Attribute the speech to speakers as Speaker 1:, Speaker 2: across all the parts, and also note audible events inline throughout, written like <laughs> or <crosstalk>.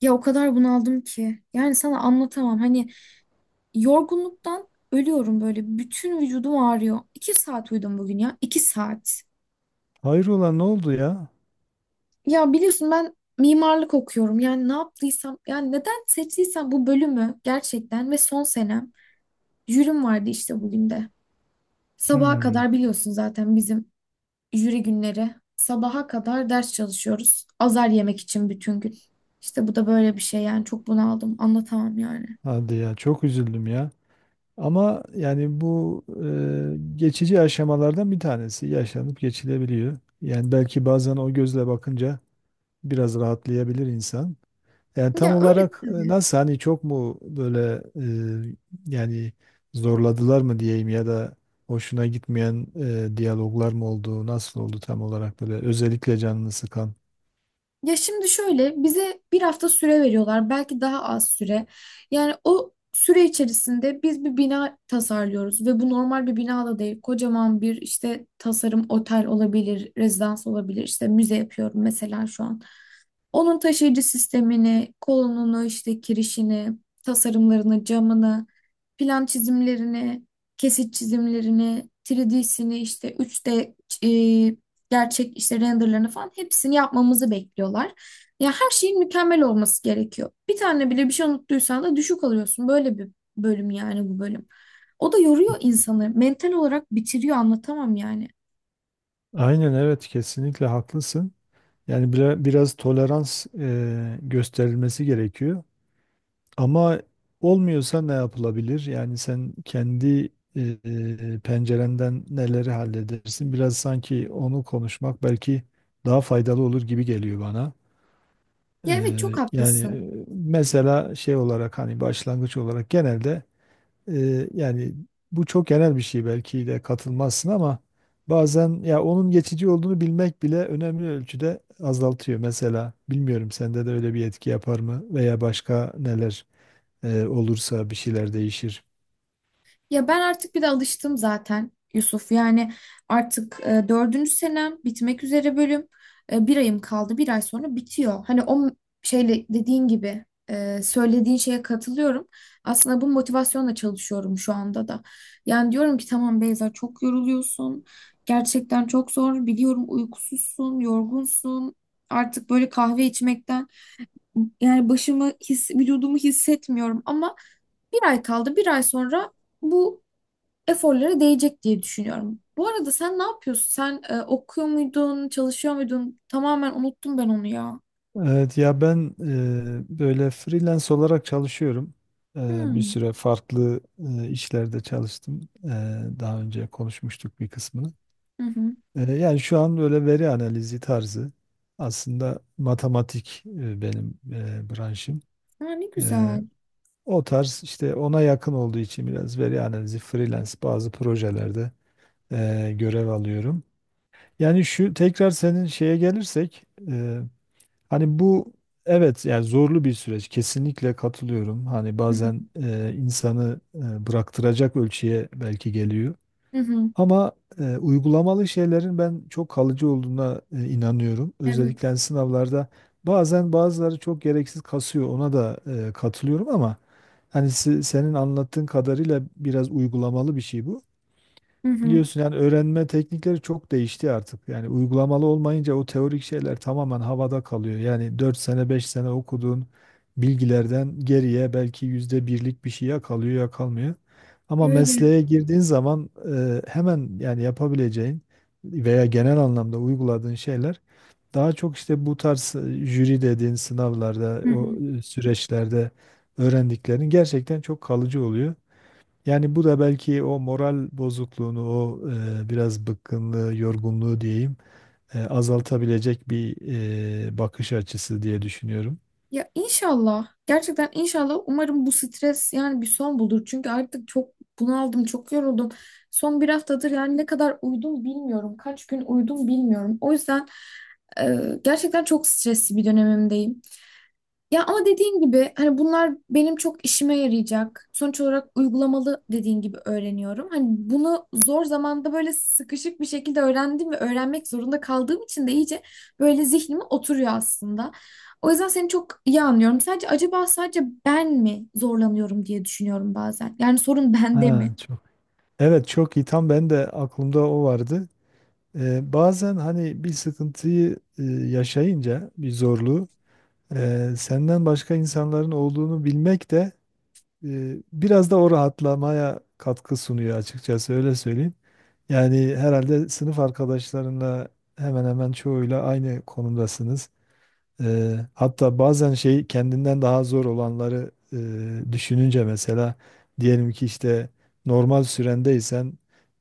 Speaker 1: Ya o kadar bunaldım ki. Yani sana anlatamam. Hani yorgunluktan ölüyorum böyle. Bütün vücudum ağrıyor. İki saat uyudum bugün ya. İki saat.
Speaker 2: Hayrola ne oldu ya?
Speaker 1: Ya biliyorsun ben mimarlık okuyorum. Yani ne yaptıysam, yani neden seçtiysem bu bölümü gerçekten ve son senem jürim vardı işte bugün de. Sabaha
Speaker 2: Hmm,
Speaker 1: kadar biliyorsun zaten bizim jüri günleri. Sabaha kadar ders çalışıyoruz. Azar yemek için bütün gün. İşte bu da böyle bir şey yani çok bunaldım. Anlatamam yani.
Speaker 2: hadi ya çok üzüldüm ya. Ama yani bu geçici aşamalardan bir tanesi yaşanıp geçilebiliyor. Yani belki bazen o gözle bakınca biraz rahatlayabilir insan. Yani tam
Speaker 1: Ya öyle.
Speaker 2: olarak nasıl hani çok mu böyle e, yani zorladılar mı diyeyim ya da hoşuna gitmeyen diyaloglar mı oldu? Nasıl oldu tam olarak böyle özellikle canını sıkan?
Speaker 1: Ya şimdi şöyle bize bir hafta süre veriyorlar belki daha az süre. Yani o süre içerisinde biz bir bina tasarlıyoruz ve bu normal bir bina da değil. Kocaman bir işte tasarım otel olabilir, rezidans olabilir, işte müze yapıyorum mesela şu an. Onun taşıyıcı sistemini, kolonunu, işte kirişini, tasarımlarını, camını, plan çizimlerini, kesit çizimlerini, 3D'sini, işte 3D gerçek işte renderlarını falan hepsini yapmamızı bekliyorlar. Ya her şeyin mükemmel olması gerekiyor. Bir tane bile bir şey unuttuysan da düşük alıyorsun. Böyle bir bölüm yani bu bölüm. O da yoruyor insanı. Mental olarak bitiriyor anlatamam yani.
Speaker 2: Aynen evet kesinlikle haklısın. Yani biraz tolerans gösterilmesi gerekiyor. Ama olmuyorsa ne yapılabilir? Yani sen kendi pencerenden neleri halledersin? Biraz sanki onu konuşmak belki daha faydalı olur gibi geliyor bana. E,
Speaker 1: Ya evet çok
Speaker 2: yani
Speaker 1: haklısın.
Speaker 2: mesela şey olarak hani başlangıç olarak genelde yani bu çok genel bir şey belki de katılmazsın ama bazen ya onun geçici olduğunu bilmek bile önemli ölçüde azaltıyor. Mesela bilmiyorum sende de öyle bir etki yapar mı veya başka neler olursa bir şeyler değişir.
Speaker 1: Ya ben artık bir de alıştım zaten Yusuf. Yani artık dördüncü senem bitmek üzere bölüm. Bir ayım kaldı. Bir ay sonra bitiyor. Şeyle dediğin gibi söylediğin şeye katılıyorum. Aslında bu motivasyonla çalışıyorum şu anda da. Yani diyorum ki tamam Beyza çok yoruluyorsun. Gerçekten çok zor. Biliyorum uykusuzsun, yorgunsun. Artık böyle kahve içmekten yani vücudumu hissetmiyorum ama bir ay kaldı. Bir ay sonra bu eforlara değecek diye düşünüyorum. Bu arada sen ne yapıyorsun? Sen okuyor muydun, çalışıyor muydun? Tamamen unuttum ben onu ya.
Speaker 2: Evet ya ben böyle freelance olarak çalışıyorum. E, bir
Speaker 1: Hmm.
Speaker 2: süre farklı işlerde çalıştım. Daha önce konuşmuştuk bir kısmını.
Speaker 1: Hı hı.
Speaker 2: Yani şu an böyle veri analizi tarzı aslında matematik benim branşım.
Speaker 1: Ha, ne
Speaker 2: E,
Speaker 1: güzel.
Speaker 2: o tarz işte ona yakın olduğu için biraz veri analizi freelance bazı projelerde görev alıyorum. Yani şu tekrar senin şeye gelirsek e, hani bu evet yani zorlu bir süreç kesinlikle katılıyorum. Hani
Speaker 1: Hı hı.
Speaker 2: bazen insanı bıraktıracak ölçüye belki geliyor.
Speaker 1: Hı hı.
Speaker 2: Ama uygulamalı şeylerin ben çok kalıcı olduğuna inanıyorum. Özellikle
Speaker 1: Evet.
Speaker 2: hani sınavlarda bazen bazıları çok gereksiz kasıyor. Ona da katılıyorum ama hani senin anlattığın kadarıyla biraz uygulamalı bir şey bu.
Speaker 1: Hı hı.
Speaker 2: Biliyorsun yani öğrenme teknikleri çok değişti artık. Yani uygulamalı olmayınca o teorik şeyler tamamen havada kalıyor. Yani 4 sene 5 sene okuduğun bilgilerden geriye belki %1'lik bir şey ya kalıyor ya kalmıyor. Ama
Speaker 1: Öyle.
Speaker 2: mesleğe girdiğin zaman hemen yani yapabileceğin veya genel anlamda uyguladığın şeyler daha çok işte bu tarz jüri dediğin sınavlarda
Speaker 1: Hı
Speaker 2: o
Speaker 1: hı.
Speaker 2: süreçlerde öğrendiklerin gerçekten çok kalıcı oluyor. Yani bu da belki o moral bozukluğunu, o biraz bıkkınlığı, yorgunluğu diyeyim, azaltabilecek bir bakış açısı diye düşünüyorum.
Speaker 1: Ya inşallah. Gerçekten inşallah. Umarım bu stres yani bir son bulur. Çünkü artık çok bunaldım, çok yoruldum. Son bir haftadır yani ne kadar uyudum bilmiyorum. Kaç gün uyudum bilmiyorum. O yüzden gerçekten çok stresli bir dönemimdeyim. Ya ama dediğin gibi hani bunlar benim çok işime yarayacak. Sonuç olarak uygulamalı dediğin gibi öğreniyorum. Hani bunu zor zamanda böyle sıkışık bir şekilde öğrendim ve öğrenmek zorunda kaldığım için de iyice böyle zihnime oturuyor aslında. O yüzden seni çok iyi anlıyorum. Sadece acaba sadece ben mi zorlanıyorum diye düşünüyorum bazen. Yani sorun bende
Speaker 2: Ha,
Speaker 1: mi?
Speaker 2: çok. Evet çok iyi. Tam ben de aklımda o vardı. Bazen hani bir sıkıntıyı yaşayınca, bir zorluğu, senden başka insanların olduğunu bilmek de biraz da o rahatlamaya katkı sunuyor açıkçası öyle söyleyeyim. Yani herhalde sınıf arkadaşlarınla hemen hemen çoğuyla aynı konumdasınız. Hatta bazen şey kendinden daha zor olanları düşününce mesela diyelim ki işte normal sürendeysen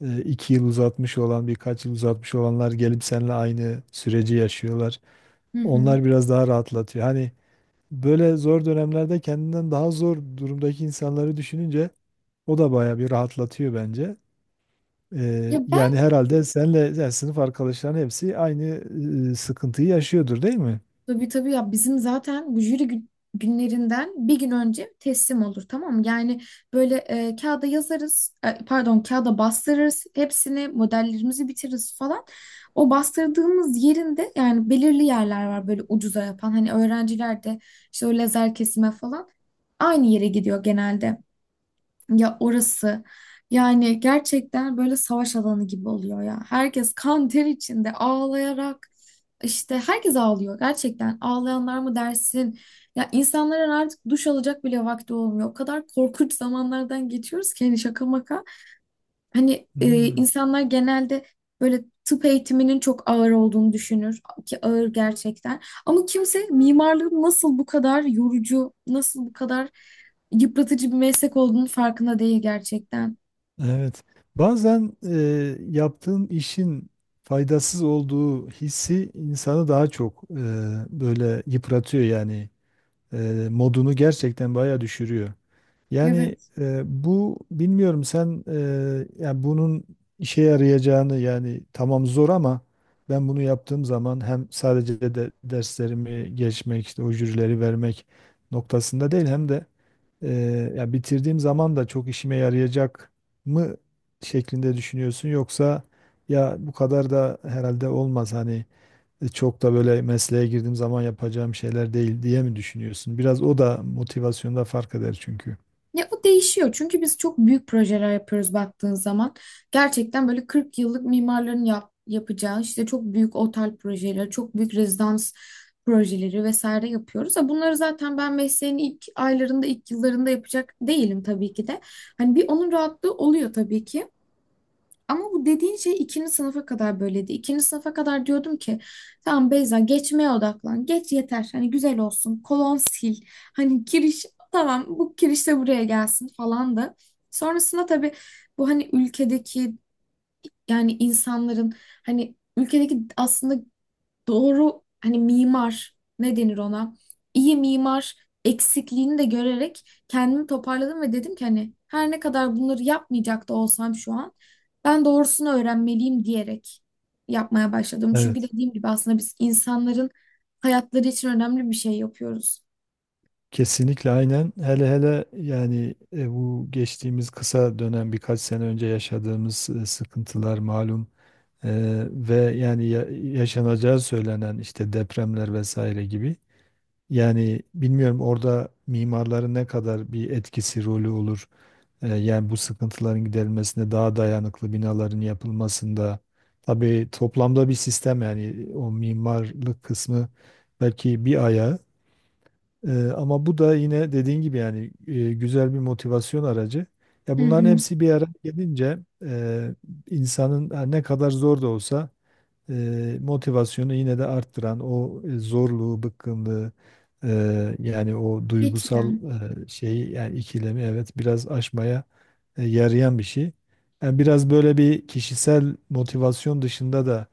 Speaker 2: 2 yıl uzatmış olan birkaç yıl uzatmış olanlar gelip seninle aynı süreci yaşıyorlar.
Speaker 1: Hı hı.
Speaker 2: Onlar biraz daha rahatlatıyor. Hani böyle zor dönemlerde kendinden daha zor durumdaki insanları düşününce o da bayağı bir rahatlatıyor bence.
Speaker 1: Ya
Speaker 2: Ee,
Speaker 1: ben.
Speaker 2: yani herhalde senle yani sınıf arkadaşların hepsi aynı sıkıntıyı yaşıyordur değil mi?
Speaker 1: Tabii, tabii, ya bizim zaten günlerinden bir gün önce teslim olur tamam mı? Yani böyle kağıda yazarız, pardon, kağıda bastırırız hepsini, modellerimizi bitiririz falan. O bastırdığımız yerinde yani belirli yerler var böyle ucuza yapan hani öğrenciler de işte o lazer kesime falan aynı yere gidiyor genelde. Ya orası yani gerçekten böyle savaş alanı gibi oluyor ya. Herkes kan ter içinde ağlayarak işte herkes ağlıyor gerçekten. Ağlayanlar mı dersin? Ya insanların artık duş alacak bile vakti olmuyor. O kadar korkunç zamanlardan geçiyoruz ki hani şaka maka. Hani
Speaker 2: Hmm,
Speaker 1: insanlar genelde böyle tıp eğitiminin çok ağır olduğunu düşünür ki ağır gerçekten. Ama kimse mimarlığın nasıl bu kadar yorucu, nasıl bu kadar yıpratıcı bir meslek olduğunu farkında değil gerçekten.
Speaker 2: evet. Bazen yaptığın işin faydasız olduğu hissi insanı daha çok böyle yıpratıyor yani. Modunu gerçekten bayağı düşürüyor. Yani
Speaker 1: Evet.
Speaker 2: bu bilmiyorum sen yani bunun işe yarayacağını yani tamam zor ama ben bunu yaptığım zaman hem sadece de derslerimi geçmek işte o jürileri vermek noktasında değil hem de e, ya bitirdiğim zaman da çok işime yarayacak mı şeklinde düşünüyorsun yoksa ya bu kadar da herhalde olmaz hani çok da böyle mesleğe girdiğim zaman yapacağım şeyler değil diye mi düşünüyorsun? Biraz o da motivasyonda fark eder çünkü.
Speaker 1: Ya o değişiyor çünkü biz çok büyük projeler yapıyoruz baktığın zaman. Gerçekten böyle 40 yıllık mimarların yapacağı işte çok büyük otel projeleri, çok büyük rezidans projeleri vesaire yapıyoruz. Ha, bunları zaten ben mesleğin ilk aylarında, ilk yıllarında yapacak değilim tabii ki de. Hani bir onun rahatlığı oluyor tabii ki. Ama bu dediğin şey ikinci sınıfa kadar böyleydi. İkinci sınıfa kadar diyordum ki tamam Beyza geçmeye odaklan. Geç yeter. Hani güzel olsun. Kolon sil. Hani giriş tamam bu kiriş de buraya gelsin falan da. Sonrasında tabii bu hani ülkedeki yani insanların hani ülkedeki aslında doğru hani mimar ne denir ona? İyi mimar eksikliğini de görerek kendimi toparladım ve dedim ki hani her ne kadar bunları yapmayacak da olsam şu an ben doğrusunu öğrenmeliyim diyerek yapmaya başladım. Çünkü
Speaker 2: Evet.
Speaker 1: dediğim gibi aslında biz insanların hayatları için önemli bir şey yapıyoruz.
Speaker 2: Kesinlikle aynen. Hele hele yani bu geçtiğimiz kısa dönem birkaç sene önce yaşadığımız sıkıntılar malum E, ve yani yaşanacağı söylenen işte depremler vesaire gibi. Yani bilmiyorum orada mimarların ne kadar bir etkisi rolü olur. Yani bu sıkıntıların giderilmesinde daha dayanıklı binaların yapılmasında tabii toplamda bir sistem yani o mimarlık kısmı belki bir ayağı. Ama bu da yine dediğin gibi yani güzel bir motivasyon aracı. Ya
Speaker 1: Hı
Speaker 2: bunların
Speaker 1: hı.
Speaker 2: hepsi bir araya gelince e, insanın ha, ne kadar zor da olsa motivasyonu yine de arttıran o zorluğu, bıkkınlığı yani o
Speaker 1: Hiç
Speaker 2: duygusal
Speaker 1: İrem.
Speaker 2: şeyi yani ikilemi evet biraz aşmaya yarayan bir şey. Yani biraz böyle bir kişisel motivasyon dışında da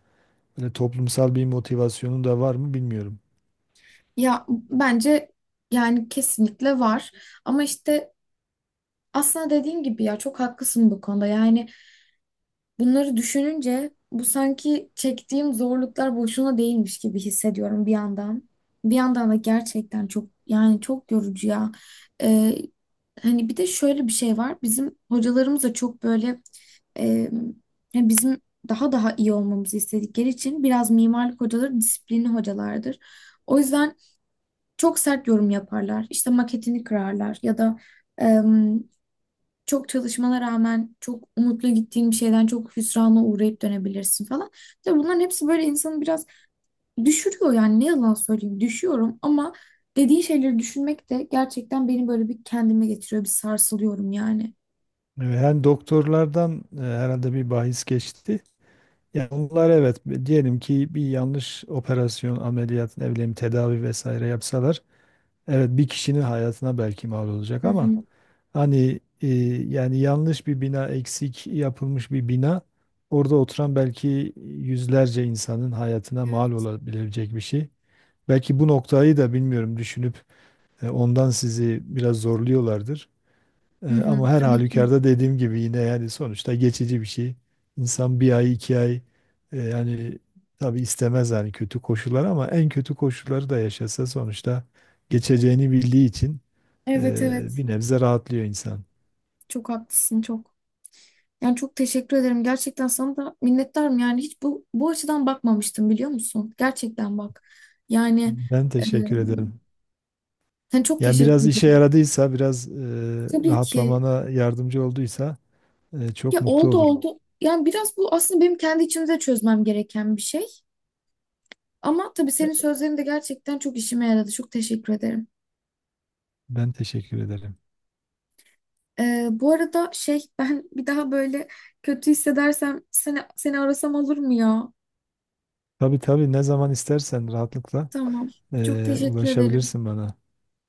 Speaker 2: böyle toplumsal bir motivasyonun da var mı bilmiyorum.
Speaker 1: Ya bence yani kesinlikle var. Ama işte aslında dediğin gibi ya çok haklısın bu konuda. Yani bunları düşününce bu sanki çektiğim zorluklar boşuna değilmiş gibi hissediyorum bir yandan. Bir yandan da gerçekten çok yani çok yorucu ya. Ee, Hani bir de şöyle bir şey var. Bizim hocalarımız da çok böyle e, yani bizim daha iyi olmamızı istedikleri için biraz mimarlık hocaları disiplinli hocalardır. O yüzden çok sert yorum yaparlar. İşte maketini kırarlar ya da çok çalışmana rağmen çok umutlu gittiğin bir şeyden çok hüsrana uğrayıp dönebilirsin falan. Tabii bunların hepsi böyle insanı biraz düşürüyor yani ne yalan söyleyeyim düşüyorum ama dediğin şeyleri düşünmek de gerçekten beni böyle bir kendime getiriyor, bir sarsılıyorum yani.
Speaker 2: Hem doktorlardan herhalde bir bahis geçti. Yani onlar evet diyelim ki bir yanlış operasyon, ameliyat, ne bileyim tedavi vesaire yapsalar evet bir kişinin hayatına belki mal olacak
Speaker 1: Hı
Speaker 2: ama
Speaker 1: hı.
Speaker 2: hani yani yanlış bir bina eksik yapılmış bir bina orada oturan belki yüzlerce insanın hayatına mal
Speaker 1: Evet.
Speaker 2: olabilecek bir şey. Belki bu noktayı da bilmiyorum düşünüp ondan sizi biraz zorluyorlardır. E,
Speaker 1: Hı hı.
Speaker 2: ama her
Speaker 1: Tabii ki.
Speaker 2: halükarda dediğim gibi yine yani sonuçta geçici bir şey. İnsan bir ay 2 ay yani tabii istemez yani kötü koşullar ama en kötü koşulları da yaşasa sonuçta geçeceğini bildiği için
Speaker 1: Evet, evet,
Speaker 2: bir nebze rahatlıyor insan.
Speaker 1: çok haklısın çok. Yani çok teşekkür ederim. Gerçekten sana da minnettarım. Yani hiç bu açıdan bakmamıştım biliyor musun? Gerçekten bak. Yani
Speaker 2: Ben
Speaker 1: e,
Speaker 2: teşekkür ederim.
Speaker 1: sen çok
Speaker 2: Yani
Speaker 1: teşekkür
Speaker 2: biraz işe
Speaker 1: ederim.
Speaker 2: yaradıysa, biraz
Speaker 1: Tabii ki.
Speaker 2: rahatlamana yardımcı olduysa çok
Speaker 1: Ya
Speaker 2: mutlu
Speaker 1: oldu,
Speaker 2: olurum.
Speaker 1: oldu. Yani biraz bu aslında benim kendi içimde de çözmem gereken bir şey. Ama tabii senin sözlerin de gerçekten çok işime yaradı. Çok teşekkür ederim.
Speaker 2: Ben teşekkür ederim.
Speaker 1: Bu arada şey <laughs> ben bir daha böyle kötü hissedersem seni arasam olur mu ya?
Speaker 2: Tabii tabii ne zaman istersen rahatlıkla
Speaker 1: Tamam. Çok teşekkür ederim.
Speaker 2: ulaşabilirsin bana.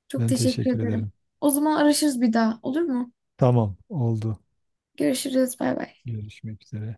Speaker 1: Çok
Speaker 2: Ben
Speaker 1: teşekkür
Speaker 2: teşekkür
Speaker 1: ederim.
Speaker 2: ederim.
Speaker 1: O zaman araşırız bir daha olur mu?
Speaker 2: Tamam, oldu.
Speaker 1: Görüşürüz. Bay bay.
Speaker 2: Görüşmek üzere.